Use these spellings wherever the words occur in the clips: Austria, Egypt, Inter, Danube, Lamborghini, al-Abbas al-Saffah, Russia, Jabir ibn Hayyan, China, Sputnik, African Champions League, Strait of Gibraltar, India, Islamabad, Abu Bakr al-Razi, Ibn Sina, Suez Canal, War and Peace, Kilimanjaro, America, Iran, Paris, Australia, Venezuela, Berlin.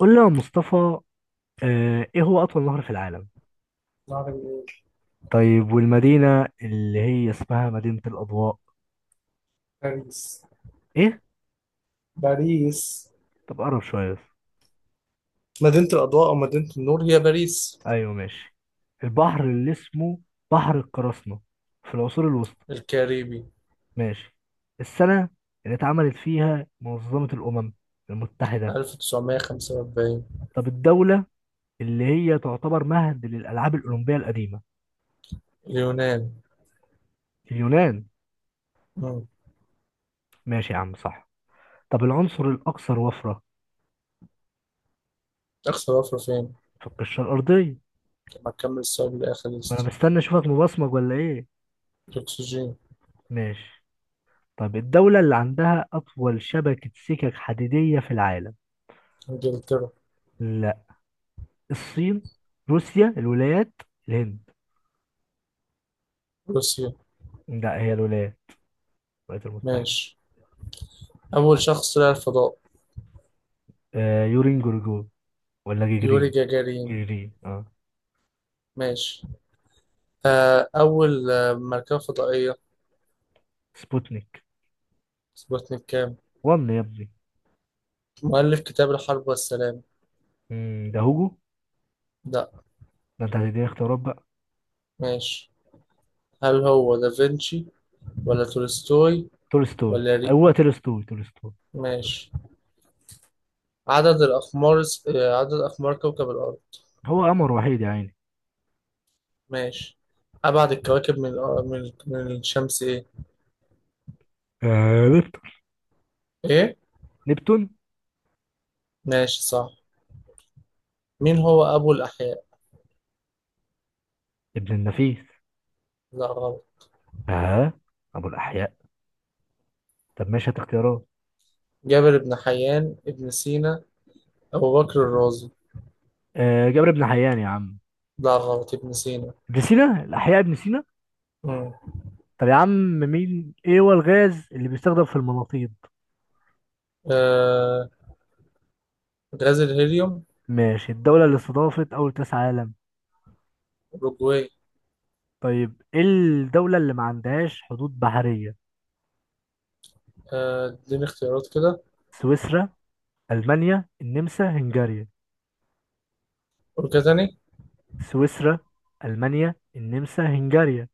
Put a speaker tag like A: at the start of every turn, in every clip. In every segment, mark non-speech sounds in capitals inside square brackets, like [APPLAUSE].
A: قول لي يا مصطفى. ايه هو اطول نهر في العالم؟
B: نهر النيل.
A: طيب، والمدينة اللي هي اسمها مدينة الاضواء؟
B: باريس.
A: ايه؟
B: باريس.
A: طب قرب شوية بس.
B: مدينة الأضواء أو مدينة النور هي باريس.
A: ايوه، ماشي. البحر اللي اسمه بحر القراصنة في العصور الوسطى.
B: الكاريبي.
A: ماشي. السنة اللي اتعملت فيها منظمة الأمم المتحدة.
B: 1945.
A: طب الدولة اللي هي تعتبر مهد للألعاب الأولمبية القديمة.
B: اليونان.
A: اليونان.
B: مم.
A: ماشي يا عم، صح. طب العنصر الأكثر وفرة
B: أقصى ضفر فين؟
A: في القشرة الأرضية.
B: لما تكمل السؤال لآخر
A: وأنا
B: لست.
A: مستني أشوفك مبصمج ولا إيه.
B: الأكسجين.
A: ماشي. طب الدولة اللي عندها أطول شبكة سكك حديدية في العالم.
B: إنجلترا.
A: لا. الصين، روسيا، الولايات، الهند.
B: روسيا.
A: لا، هي الولايات المتحدة.
B: ماشي. أول شخص طلع الفضاء.
A: يورين جورجو ولا
B: يوري
A: جيجرين.
B: جاجارين.
A: جيجرين. اه
B: ماشي. أول مركبة فضائية.
A: سبوتنيك
B: سبوتنيك كام؟
A: وان يا ابني.
B: مؤلف كتاب الحرب والسلام.
A: ده هوجو.
B: لا.
A: ده انت هتديني اختيارات بقى.
B: ماشي. هل هو دافنشي ولا تولستوي
A: تولستوي،
B: ولا ري؟
A: هو تولستوي. تولستوي.
B: ماشي. عدد الأقمار عدد أقمار كوكب الأرض.
A: هو قمر وحيد يا عيني.
B: ماشي. أبعد الكواكب من الأ- من من الشمس إيه؟
A: نبتون.
B: إيه؟
A: نبتون.
B: ماشي صح. مين هو أبو الأحياء؟
A: ابن النفيس.
B: لا غلط.
A: اه. ابو الاحياء. طب ماشي، هات اختيارات.
B: جابر بن حيان، ابن سينا، أبو بكر الرازي.
A: جابر بن حيان يا عم.
B: لا غلط ابن سينا.
A: ابن سينا الأحياء، ابن سينا.
B: مم.
A: طب يا عم، مين إيه هو الغاز اللي بيستخدم في المناطيد؟
B: آه غاز الهيليوم.
A: ماشي. الدولة اللي استضافت أول كأس عالم.
B: أوروجواي.
A: طيب، إيه الدولة اللي ما عندهاش حدود بحرية؟
B: اديني اختيارات كده.
A: سويسرا، ألمانيا، النمسا، هنغاريا.
B: قول كده تاني.
A: سويسرا، ألمانيا، النمسا، هنغاريا.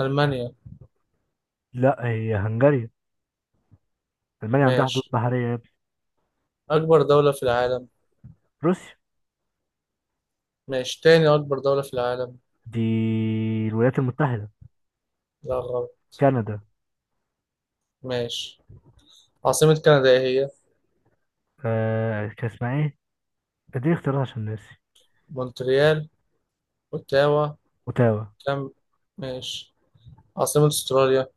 B: ألمانيا.
A: لا، هي هنغاريا. ألمانيا عندها حدود
B: ماشي.
A: بحرية يا ابني.
B: أكبر دولة في العالم.
A: روسيا.
B: ماشي. تاني أكبر دولة في العالم.
A: دي الولايات المتحدة.
B: لا غلط.
A: كندا.
B: ماشي. عاصمة كندا إيه هي؟
A: كان اسمها إيه؟ اديني اختيارات عشان ناسي.
B: مونتريال، أوتاوا،
A: أوتاوا.
B: كام. ماشي. عاصمة أستراليا.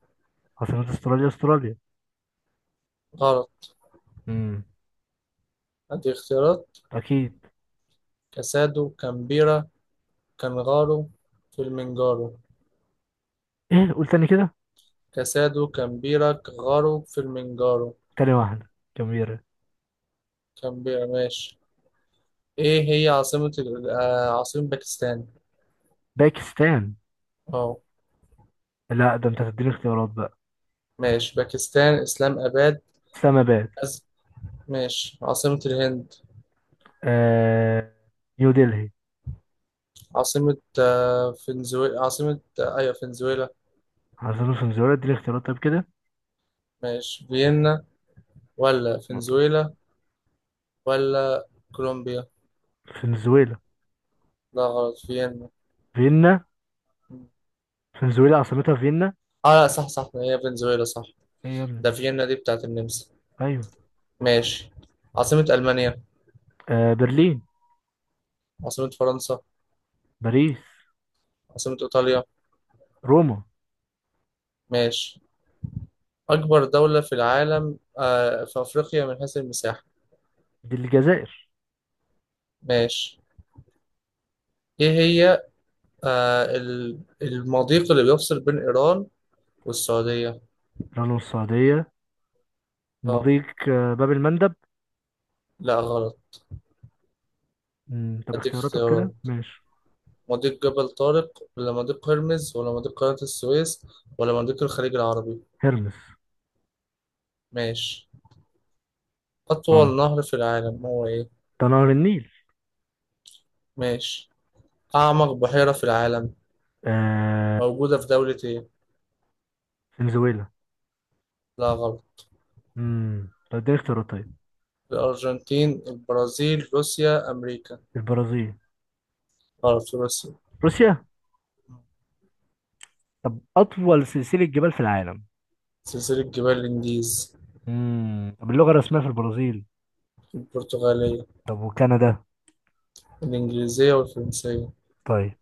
A: عاصمة استراليا.
B: غلط.
A: امم
B: هدي اختيارات.
A: اكيد.
B: كاسادو، كامبيرا، كانغارو، فيلمنجارو.
A: ايه، قول تاني كده.
B: كاسادو، كامبيرا، كانغارو، فيلمنجارو.
A: تاني واحدة، جميلة.
B: كامبيرا. ماشي. إيه هي عاصمة عاصمة باكستان؟
A: باكستان.
B: أه.
A: لا، ده انت هتديني اختيارات بقى.
B: ماشي. باكستان إسلام آباد.
A: اسلاماباد.
B: أز... ماشي. عاصمة الهند.
A: آه... نيو دلهي.
B: عاصمة فنزويلا، عاصمة أيوة فنزويلا.
A: عاصمة فنزويلا، اديني اختيارات طيب كده.
B: ماشي. فيينا ولا فنزويلا ولا كولومبيا؟
A: فنزويلا.
B: لا غلط فيينا.
A: فيينا. فنزويلا عاصمتها فيينا؟
B: اه لا، صح صح، هي فنزويلا صح.
A: ايه يا ابني.
B: ده فيينا دي بتاعت النمسا.
A: ايوه.
B: ماشي. عاصمة ألمانيا.
A: برلين.
B: عاصمة فرنسا.
A: باريس.
B: عاصمة إيطاليا.
A: روما.
B: ماشي. أكبر دولة في العالم، في أفريقيا من حيث المساحة.
A: دي الجزائر.
B: ماشي. إيه هي المضيق اللي بيفصل بين إيران والسعودية.
A: لبنان، السعودية.
B: اه
A: مضيق باب المندب.
B: لا غلط.
A: طب
B: أديك
A: اختياراتك
B: اختيارات.
A: كده ماشي.
B: مضيق جبل طارق ولا مضيق هرمز ولا مضيق قناة السويس ولا مضيق الخليج العربي؟
A: هرمس.
B: ماشي.
A: اه،
B: أطول نهر في العالم هو إيه؟
A: ده نهر النيل.
B: ماشي. أعمق بحيرة في العالم
A: آه.
B: موجودة في دولة إيه؟
A: فنزويلا.
B: لا غلط.
A: طب اديني اختيارات طيب.
B: الأرجنتين، البرازيل، روسيا، أمريكا.
A: البرازيل.
B: غلط، في روسيا.
A: روسيا. طب أطول سلسلة جبال في العالم.
B: سلسلة جبال الإنديز.
A: طب اللغة الرسمية في البرازيل.
B: البرتغالية.
A: طب، وكندا.
B: الإنجليزية والفرنسية.
A: طيب،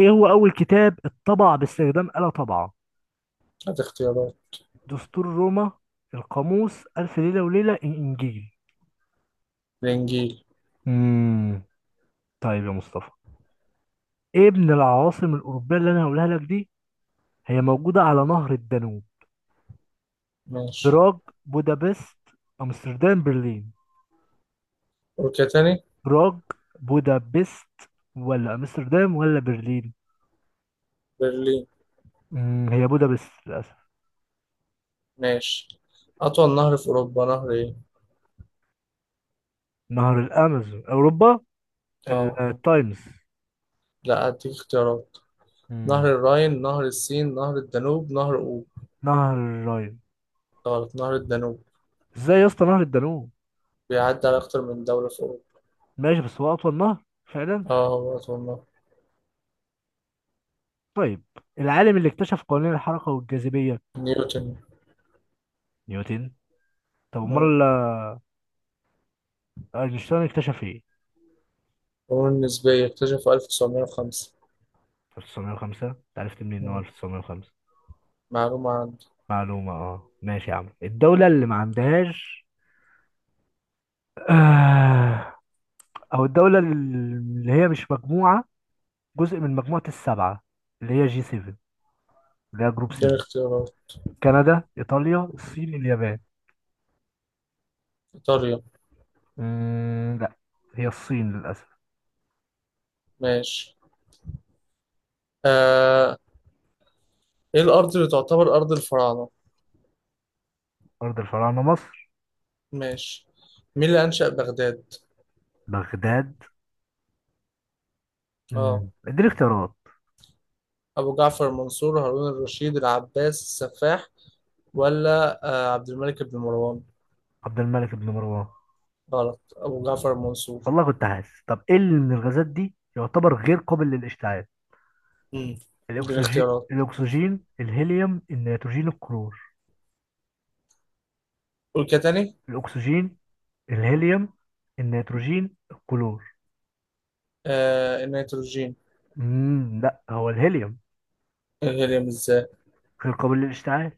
A: إيه هو أول كتاب اتطبع باستخدام آلة طبعة؟
B: هات اختيارات.
A: دستور روما، القاموس، ألف ليلة وليلة، الإنجيل.
B: الإنجيل.
A: امم. طيب يا مصطفى، إيه من العواصم الأوروبية اللي أنا هقولها لك دي، هي موجودة على نهر الدانوب؟
B: ماشي.
A: براغ، بودابست، أمستردام، برلين.
B: أوروبا تاني.
A: براغ، بودابست، ولا أمستردام، ولا برلين.
B: برلين.
A: هي بودابست.
B: ماشي. أطول نهر في أوروبا نهر إيه؟
A: نهر الامازون؟ اوروبا.
B: أه
A: التايمز.
B: لا، أديك اختيارات. نهر
A: امم.
B: الراين، نهر السين، نهر الدانوب، نهر أوب.
A: نهر الراين.
B: غلط، نهر الدانوب.
A: ازاي يا اسطى نهر الدانوب؟
B: بيعدي على أكتر من دولة في أوروبا.
A: ماشي، بس هو اطول نهر فعلا.
B: آه هو والله.
A: طيب، العالم اللي اكتشف قوانين الحركه والجاذبيه.
B: نيوتن.
A: نيوتن. طب
B: مم.
A: امال اينشتاين اكتشف ايه؟
B: القانون النسبية اكتشفه 1905.
A: 1905؟ انت عرفت منين ان هو
B: مم.
A: 1905؟
B: معلومة عندي.
A: معلومه، ماشي يا عم. الدوله اللي ما عندهاش، آه، او الدوله اللي هي مش مجموعه، جزء من مجموعه السبعه، اللي هي جي 7، اللي هي جروب
B: ده
A: 7.
B: اختيارات.
A: كندا، إيطاليا، الصين، اليابان.
B: إيطاليا.
A: لا، هي الصين للأسف.
B: ماشي. آه إيه الأرض اللي تعتبر أرض الفراعنة.
A: أرض الفراعنة مصر.
B: ماشي. مين اللي أنشأ بغداد.
A: بغداد.
B: آه.
A: اديني اختيارات.
B: أبو جعفر المنصور، هارون الرشيد، العباس السفاح، ولا عبد الملك بن مروان.
A: عبد الملك بن مروان.
B: غلط، أبو جعفر المنصور.
A: والله كنت حاسس. طب إيه اللي من الغازات دي يعتبر غير قابل للاشتعال؟
B: مم. دي
A: الأكسجين
B: الاختيارات.
A: الأكسجين الهيليوم، النيتروجين، الكلور.
B: قول كده تاني.
A: الأكسجين، الهيليوم، النيتروجين، الكلور.
B: النيتروجين.
A: لا، هو الهيليوم
B: الهيليوم الذري.
A: غير قابل للاشتعال.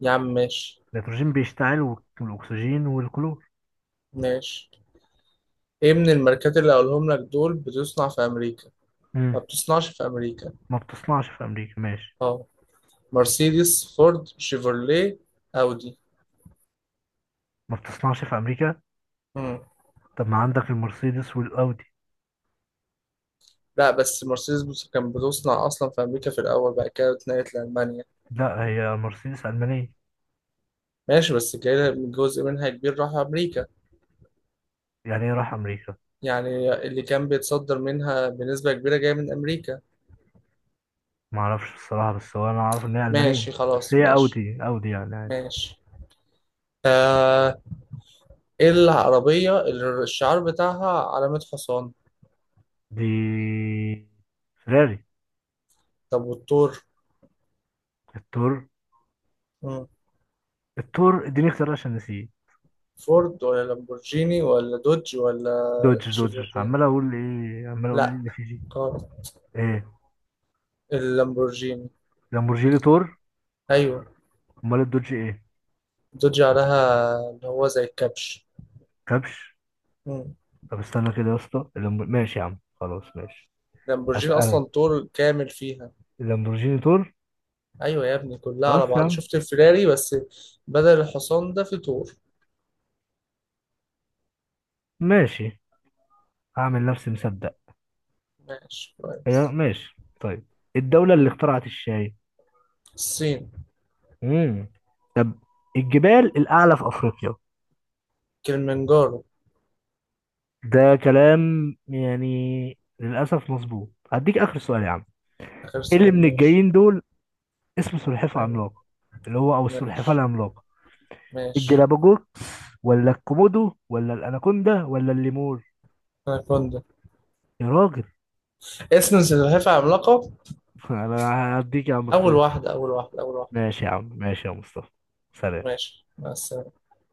B: يا عم ماشي.
A: النيتروجين بيشتعل، والأكسجين والكلور.
B: ماشي. ايه من الماركات اللي هقولهم لك دول بتصنع في امريكا؟
A: مم.
B: ما بتصنعش في امريكا.
A: ما بتصنعش في أمريكا ماشي.
B: اه. مرسيدس، فورد، شيفروليه، اودي.
A: ما بتصنعش في امريكا.
B: مم.
A: طب، ما عندك المرسيدس والاودي.
B: لا بس مرسيدس بص كان بتصنع اصلا في امريكا في الاول، بعد كده اتنقلت لالمانيا.
A: لا، هي مرسيدس المانيه.
B: ماشي بس كده جزء منها كبير راح امريكا.
A: يعني ايه راح امريكا؟
B: يعني اللي كان بيتصدر منها بنسبة كبيرة جاية من امريكا.
A: ما اعرفش الصراحه، بس هو انا اعرف ان هي المانيه،
B: ماشي
A: بس
B: خلاص
A: هي
B: ماشي.
A: اودي، اودي يعني عادي.
B: ماشي. آه ايه العربية اللي الشعار بتاعها علامة حصان؟
A: دي فيراري.
B: طب والثور.
A: التور.
B: مم.
A: التور، اديني اختيار عشان نسيه.
B: فورد ولا لامبورجيني ولا دوج ولا
A: دوج،
B: شيفورلي؟
A: عمال اقول ايه، عمال اقول ايه
B: لا
A: اللي فيه جي.
B: غلط.
A: ايه؟
B: اللامبورجيني.
A: لامبورجيني، تور.
B: ايوه.
A: امال الدوج ايه؟
B: دوج عليها اللي هو زي الكبش.
A: كبش.
B: مم.
A: طب استنى كده يا اسطى، ماشي يا عم، خلاص ماشي.
B: لامبورجيني
A: اسال.
B: اصلا طول كامل فيها.
A: اللامبورجيني تور.
B: ايوه يا ابني، كلها على
A: خلاص يا
B: بعض،
A: عم.
B: شفت الفيراري بس. بدل الحصان ده في طور.
A: ماشي. هعمل نفسي مصدق.
B: ماشي
A: هي
B: كويس.
A: ماشي طيب. الدولة اللي اخترعت الشاي.
B: الصين.
A: امم طب الجبال الأعلى في أفريقيا.
B: كلمنجارو.
A: ده كلام يعني للأسف مظبوط. هديك آخر سؤال يا عم.
B: اخر
A: إيه اللي
B: سؤال
A: من
B: ماشي.
A: الجايين دول اسمه سلحفاة
B: أيوة.
A: عملاقة؟ اللي هو أو السلحفاة
B: ماشي.
A: العملاقة.
B: ماشي.
A: الجلابوجوكس، ولا الكومودو، ولا الأناكوندا، ولا الليمور.
B: اناكوندا.
A: يا راجل!
B: اسم سلحفاة عملاقة.
A: [LAUGHS] أنا هديك يا عم
B: اول
A: اختيارات.
B: واحدة، اول واحدة، اول واحدة.
A: ماشي يا عم، ماشي يا مصطفى، سلام.
B: ماشي مع السلامة.